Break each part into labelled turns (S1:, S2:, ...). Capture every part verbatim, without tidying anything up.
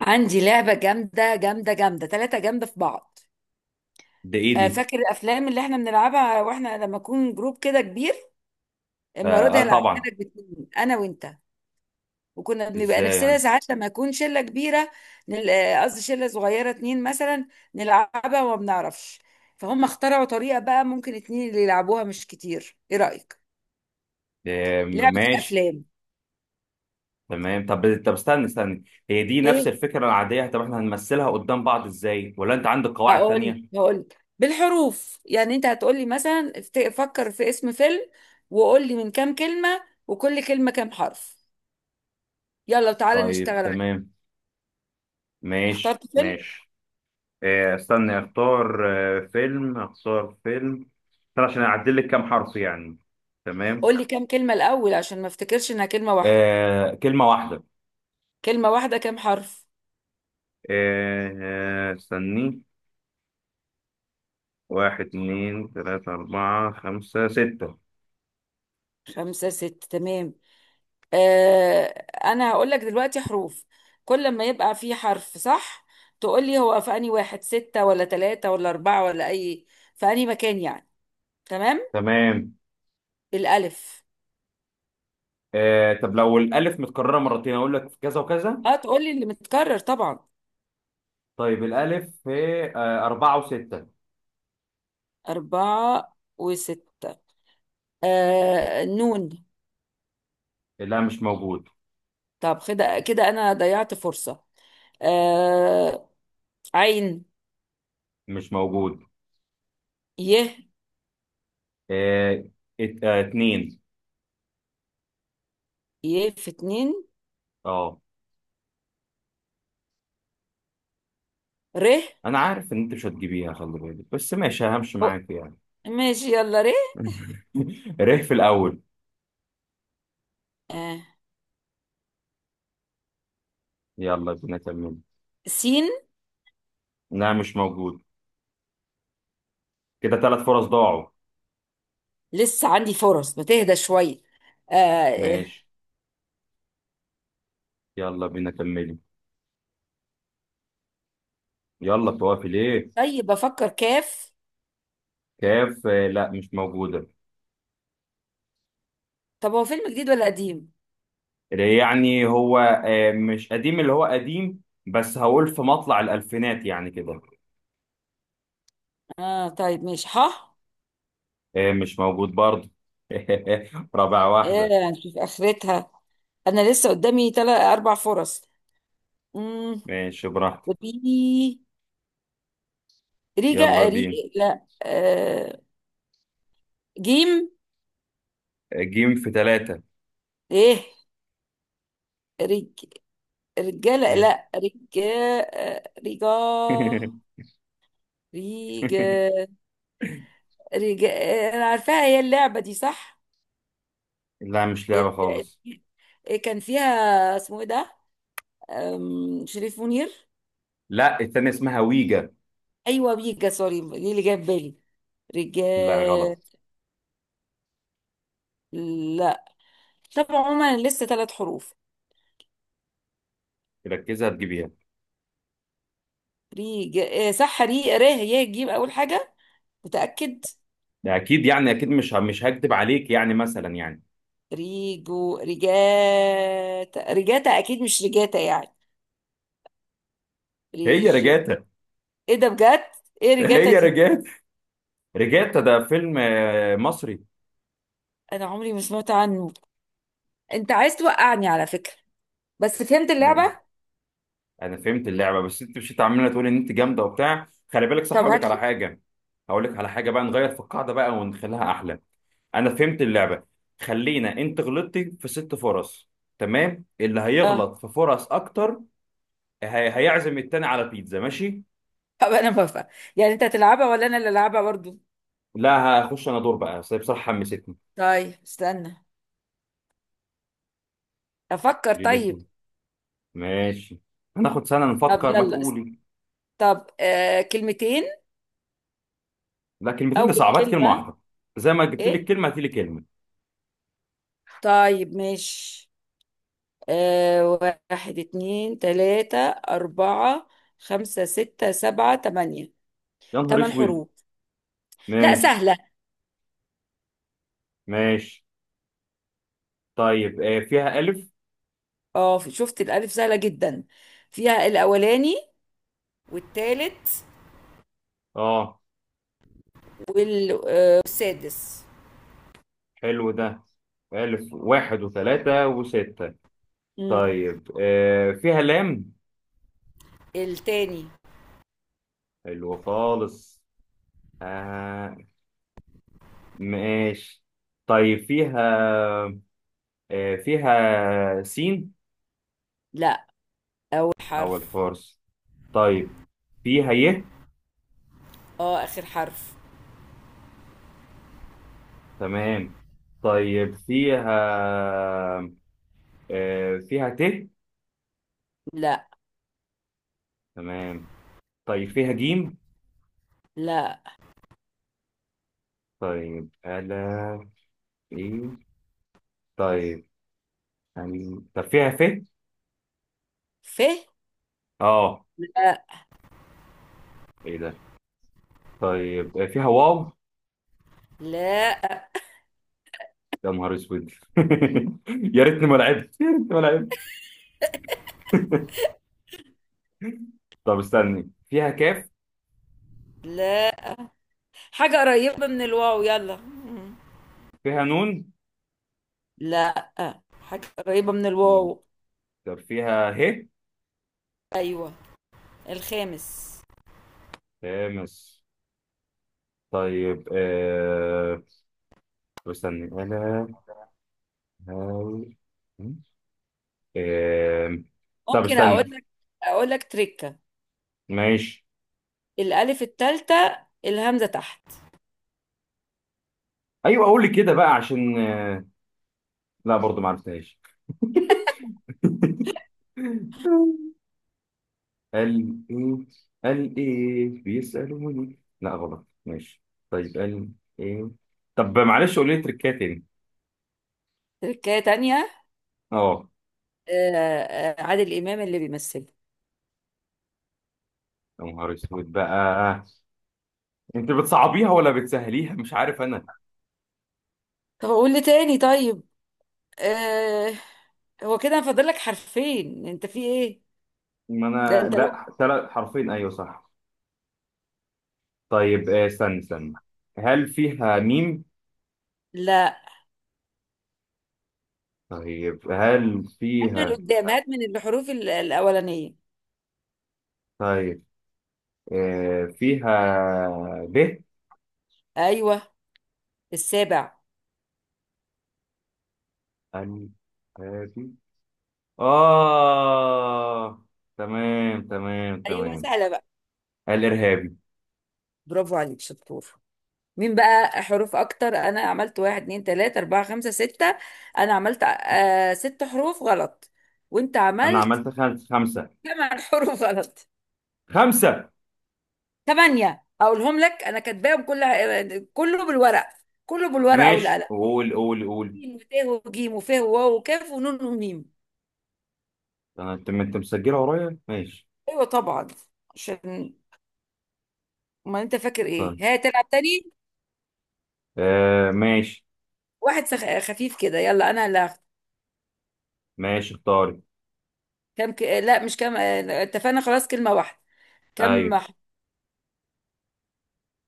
S1: عندي لعبة جامدة جامدة جامدة تلاتة جامدة في بعض.
S2: ده ايه
S1: آه،
S2: دي؟
S1: فاكر الأفلام اللي احنا بنلعبها واحنا لما نكون جروب كده كبير؟ المرة
S2: اه،
S1: دي
S2: آه،
S1: هلعبها
S2: طبعا.
S1: لك باتنين أنا وأنت. وكنا بنبقى
S2: ازاي يعني؟
S1: نفسنا ساعات لما يكون شلة كبيرة. نل- آه، قصدي شلة صغيرة اتنين مثلا. نلعبها وما بنعرفش. فهم اخترعوا طريقة بقى ممكن اتنين اللي يلعبوها مش كتير. إيه رأيك؟
S2: آه،
S1: لعبة
S2: ماشي.
S1: الأفلام.
S2: تمام. طب طب استنى استنى. هي دي نفس
S1: إيه؟
S2: الفكرة العادية، طب احنا هنمثلها قدام بعض ازاي؟ ولا انت عندك قواعد
S1: هقول
S2: تانية؟
S1: هقول بالحروف، يعني انت هتقولي مثلا افت- فكر في اسم فيلم، وقول لي من كام كلمة، وكل كلمة كام حرف. يلا تعالى
S2: طيب،
S1: نشتغل عليه.
S2: تمام. ماشي
S1: اخترت فيلم؟
S2: ماشي. آه استنى، اختار. آه فيلم، اختار فيلم. استنى عشان اعدل لك كام حرف يعني. تمام.
S1: قول لي كام كلمة الأول عشان ما افتكرش انها كلمة واحدة.
S2: آه، كلمة واحدة.
S1: كلمة واحدة كام حرف؟
S2: آه. آه، استني، واحد اتنين تلاتة أربعة خمسة ستة.
S1: خمسة ستة، تمام. آه انا هقول لك دلوقتي حروف. كل ما يبقى فيه حرف صح تقول لي هو في انهي واحد، ستة ولا ثلاثة ولا أربعة، ولا أي في انهي مكان يعني. تمام.
S2: تمام.
S1: الألف.
S2: آه طب لو الألف متكررة مرتين أقول لك في كذا وكذا.
S1: اه، تقول لي اللي متكرر طبعا.
S2: طيب، الألف في، آه، أربعة وستة.
S1: أربعة وستة. آه نون.
S2: لا، مش موجود.
S1: طب كده كده أنا ضيعت فرصة. آه. عين.
S2: مش موجود.
S1: ي.
S2: آه ات- آه، اتنين.
S1: ي في اتنين.
S2: اه.
S1: ر.
S2: أنا عارف إن أنت مش هتجيبيها، خلي بالك، بس ماشي همشي
S1: أو-
S2: معاك يعني.
S1: ماشي، يلا، ر.
S2: ريح في الأول.
S1: آه
S2: يلا بينا، كملي.
S1: سين.
S2: لا، مش موجود. كده ثلاث فرص ضاعوا.
S1: لسه عندي فرص، ما تهدى شوية. آه. آه،
S2: ماشي. يلا بينا، كملي. يلا توافي ليه.
S1: طيب بفكر، كاف.
S2: كاف، آه، لا، مش موجودة.
S1: طب هو فيلم جديد ولا قديم؟
S2: يعني هو آه، مش قديم اللي هو قديم. بس هقول في مطلع الألفينات يعني كده.
S1: اه، طيب ماشي، ح.
S2: آه، مش موجود برضه. رابع واحدة.
S1: آه نشوف آخرتها، أنا لسه قدامي تلات أربع فرص.
S2: ماشي براحتك.
S1: مم.
S2: يلا
S1: ريجا، ري.
S2: بينا.
S1: لا. آه جيم.
S2: آه، جيم في ثلاثة.
S1: ايه. رج. رجالة، لا، رجا. آه، رجا. ريجا. رجا. آه، انا عارفاها هي، اللعبة دي صح؟
S2: لا، مش لعبة
S1: ال- ال-
S2: خالص.
S1: إيه، كان فيها اسمه ايه ده؟ آم، شريف منير.
S2: لا، التانية اسمها ويجا.
S1: ايوه، بيجا، سوري دي اللي جايه في بالي. رجا.
S2: لا، غلط.
S1: لا. طب عموما لسه ثلاث حروف.
S2: ركزها تجيبيها.
S1: ريجا. آه، صح، ري، ره، يه، جيم اول حاجة. متأكد.
S2: ده أكيد يعني أكيد، مش مش هكدب عليك يعني مثلا يعني.
S1: ريجو، ريجاتا، ريجاتا اكيد مش ريجاتا يعني.
S2: هي
S1: ريج.
S2: رجعتها.
S1: ايه ده بجد؟ ايه ريجاتا
S2: هي
S1: دي؟
S2: رجعت. رجعت، ده فيلم آه، مصري.
S1: انا عمري ما سمعت عنه. انت عايز توقعني على فكرة. بس فهمت اللعبة.
S2: انا فهمت اللعبه، بس انت مشيت عماله تقول ان انت جامده وبتاع. خلي بالك، صح،
S1: طب
S2: هقول لك
S1: هات
S2: على
S1: لي.
S2: حاجه. هقول لك على حاجه بقى، نغير في القاعده بقى ونخليها احلى. انا فهمت اللعبه. خلينا، انت غلطتي في ست فرص. تمام، اللي
S1: اه،
S2: هيغلط في فرص اكتر. هي... هيعزم التاني على بيتزا، ماشي.
S1: طب انا بفهم، يعني انت هتلعبها ولا انا اللي العبها برضو؟
S2: لا، هخش انا دور بقى، بس هي بصراحه حمستني.
S1: طيب استنى، افكر
S2: ليلته.
S1: طيب.
S2: ماشي. هناخد سنه
S1: طب
S2: نفكر ما
S1: يلا است-
S2: تقولي.
S1: طب، آه كلمتين.
S2: لا، كلمتين دي
S1: اول
S2: صعبات، كلمه
S1: كلمة.
S2: واحده. زي ما جبت لك
S1: ايه.
S2: كلمه، هاتي لي كلمه.
S1: طيب ماشي. آه واحد، اتنين، تلاتة، أربعة، خمسة، ستة، سبعة، تمانية.
S2: يا نهار
S1: تمن
S2: اسود.
S1: حروف لا
S2: ماشي،
S1: سهلة.
S2: ماشي. طيب، آه، فيها الف.
S1: اه، شفت؟ الألف سهلة جدا. فيها الأولاني والتالت
S2: اه.
S1: وال- آه، والسادس.
S2: حلو ده. ألف واحد وثلاثة وستة.
S1: مم.
S2: طيب، آه فيها لام.
S1: التاني.
S2: حلو خالص. آه. ماشي. طيب، فيها آه فيها سين.
S1: لا، أول
S2: أو
S1: حرف.
S2: الفرس. طيب. فيها ي.
S1: اه، آخر حرف.
S2: تمام. طيب، فيها آه فيها ت.
S1: لا.
S2: تمام. طيب، فيها جيم.
S1: لا.
S2: طيب، ألا. إيه. طيب. أم- طب فيها ف.
S1: ف.
S2: اه.
S1: لا.
S2: ايه ده. طيب، آه، فيها واو.
S1: لا،
S2: يا نهار اسود. يا ريتني ما لعبت، يا ريتني ما لعبت. طب استني، فيها كاف.
S1: لا، حاجة قريبة من الواو، يلا. مم.
S2: فيها نون.
S1: لا، حاجة قريبة من
S2: نون.
S1: الواو.
S2: طب فيها ه.
S1: أيوة، الخامس.
S2: تامس. طيب، آه... طب استني انا. هاو. آه... طب
S1: ممكن اقول
S2: استني.
S1: لك؟ اقول لك، تريكه.
S2: ماشي.
S1: الالف الثالثه الهمزه تحت.
S2: ايوه، اقول لي كده بقى، عشان آه، لا برضو ما عرفتهاش. قال ايه. قال ايه بيسألوني؟ لا، غلط، ماشي. طيب، قال. ايه. طب معلش، قولي لي تركات تاني.
S1: تريكه تانية.
S2: اه.
S1: آه، آه، عادل امام اللي بيمثله.
S2: يا نهار اسود بقى. انت بتصعبيها ولا بتسهليها مش عارف انا.
S1: طب اقول لي تاني طيب. آه، هو كده فاضل لك حرفين، انت في ايه؟
S2: ما
S1: ده
S2: انا
S1: انت لو.
S2: لا، ثلاث حرفين، ايوه صح. طيب، آه، استنى استنى. هل فيها ميم؟
S1: لا،
S2: طيب، هل
S1: هات من
S2: فيها،
S1: قدام، هات من الحروف ال- الاولانيه.
S2: طيب، آه فيها ب.
S1: ايوه، السابع.
S2: هل، هذه، اه، تمام تمام
S1: ايوه
S2: تمام.
S1: سهله بقى.
S2: الارهابي.
S1: برافو عليك، شطور. مين بقى حروف اكتر؟ انا عملت واحد، اتنين، تلاته، اربعه، خمسه، سته. انا عملت آه ست حروف غلط. وانت
S2: انا
S1: عملت
S2: عملت خمسه، خمسه،
S1: ثمان حروف غلط.
S2: خمسه.
S1: ثمانية أقولهم لك، أنا كاتباهم كلها، كله بالورق، كله بالورقة
S2: ماشي،
S1: والقلم.
S2: قول قول
S1: ج،
S2: قول.
S1: وت، وج، وف، وواو، وكاف، ونون، وميم.
S2: أنا- انت انت مسجله ورايا، ماشي.
S1: أيوة طبعا، عشان ما أنت فاكر إيه،
S2: طيب.
S1: ها تلعب تاني.
S2: آه، ماشي.
S1: واحد سخ... خفيف كده، يلا أنا اللي هاخد.
S2: ماشي، اختاري.
S1: كم ك... لا مش كم، آه، اتفقنا خلاص كلمة واحدة. كم
S2: ايوه،
S1: ح-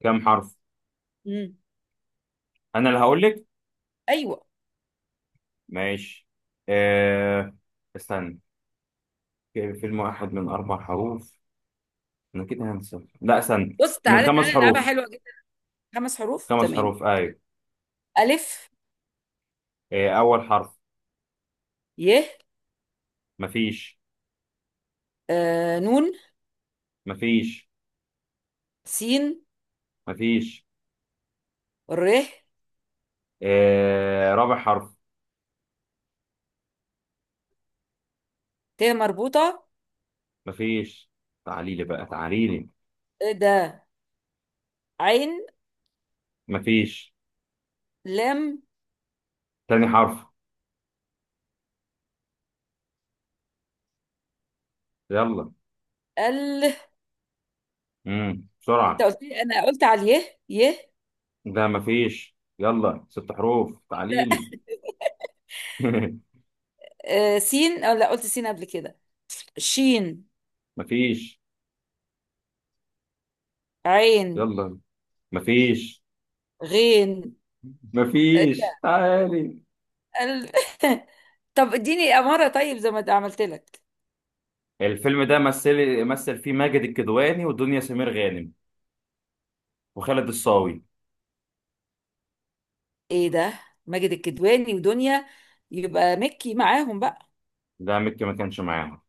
S2: كم حرف.
S1: مم.
S2: انا اللي هقول لك.
S1: أيوة.
S2: ماشي. آه. استنى. في- فيلم واحد من اربع حروف. انا كده هنسى، لا استنى،
S1: بص،
S2: من
S1: تعالى
S2: خمس
S1: تعالى نلعبها
S2: حروف.
S1: حلوة جدا. خمس حروف،
S2: خمس
S1: تمام.
S2: حروف، ايوه.
S1: ألف.
S2: آه، اول حرف.
S1: ي.
S2: مفيش.
S1: آه، نون.
S2: مفيش.
S1: سين.
S2: مفيش.
S1: ر.
S2: آه، رابع حرف.
S1: ت مربوطة.
S2: مفيش. تعالي لي بقى، تعالي لي.
S1: ده. عين.
S2: مفيش.
S1: لام.
S2: تاني حرف. يلا.
S1: ال.
S2: امم
S1: انت
S2: بسرعة.
S1: قلت لي، انا قلت على اليه، يه.
S2: ده مفيش، يلا ست حروف، تعاليلي.
S1: آه سين، او لا، قلت سين قبل كده. شين.
S2: مفيش.
S1: عين.
S2: يلا. مفيش.
S1: غين.
S2: مفيش، تعالي.
S1: ال... طب اديني اماره طيب، زي ما ده عملت لك.
S2: الفيلم ده مثل مثل فيه ماجد الكدواني ودنيا سمير غانم وخالد الصاوي.
S1: ايه ده؟ ماجد الكدواني ودنيا، يبقى مكي معاهم بقى.
S2: ده مكي ما كانش معاهم.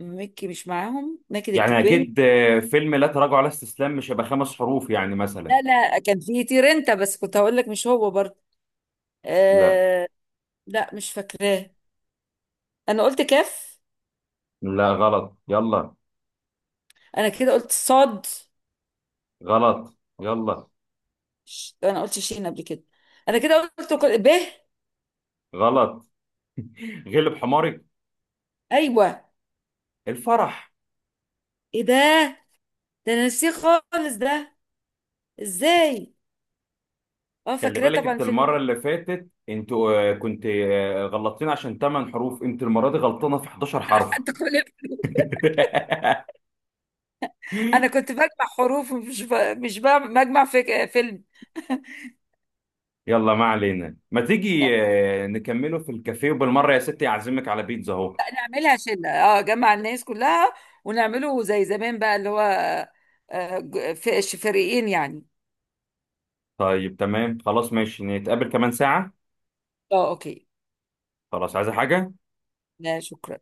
S1: مكي مش معاهم، ماجد
S2: يعني
S1: الكدواني.
S2: اكيد، آه، فيلم لا تراجع ولا استسلام مش هيبقى خمس حروف يعني مثلا.
S1: لا لا، كان في تيرنتا بس كنت هقول لك مش هو برضه.
S2: لا.
S1: آه. لا، مش فاكراه. انا قلت كاف.
S2: لا، غلط، يلا.
S1: انا كده قلت صاد.
S2: غلط، يلا.
S1: ش... انا قلت شين قبل كده. انا كده قلت كل... ب.
S2: غلط. غلب حماري.
S1: ايوه.
S2: الفرح.
S1: ايه ده؟ ده انا نسيه خالص ده، ازاي؟ اه،
S2: خلي
S1: فاكراه
S2: بالك
S1: طبعا،
S2: انت،
S1: فيلم.
S2: المره اللي فاتت انتوا آه، كنت آه، غلطتين عشان تمانية حروف، انت المره دي غلطانه في حداشر حرف.
S1: انت كل. انا كنت بجمع حروف، مش ب... مش بعمل- بجمع في فيلم.
S2: يلا ما علينا، ما
S1: طب
S2: تيجي آه، نكمله في الكافيه، وبالمره يا ستي اعزمك على بيتزا اهو.
S1: نعملها شله، اه، جمع الناس كلها، ونعمله زي زمان بقى، اللي هو آه، ج- في فريقين يعني.
S2: طيب، تمام، خلاص، ماشي، نتقابل كمان ساعه.
S1: اه، اوكي.
S2: خلاص، عايزه حاجه؟
S1: لا شكرا.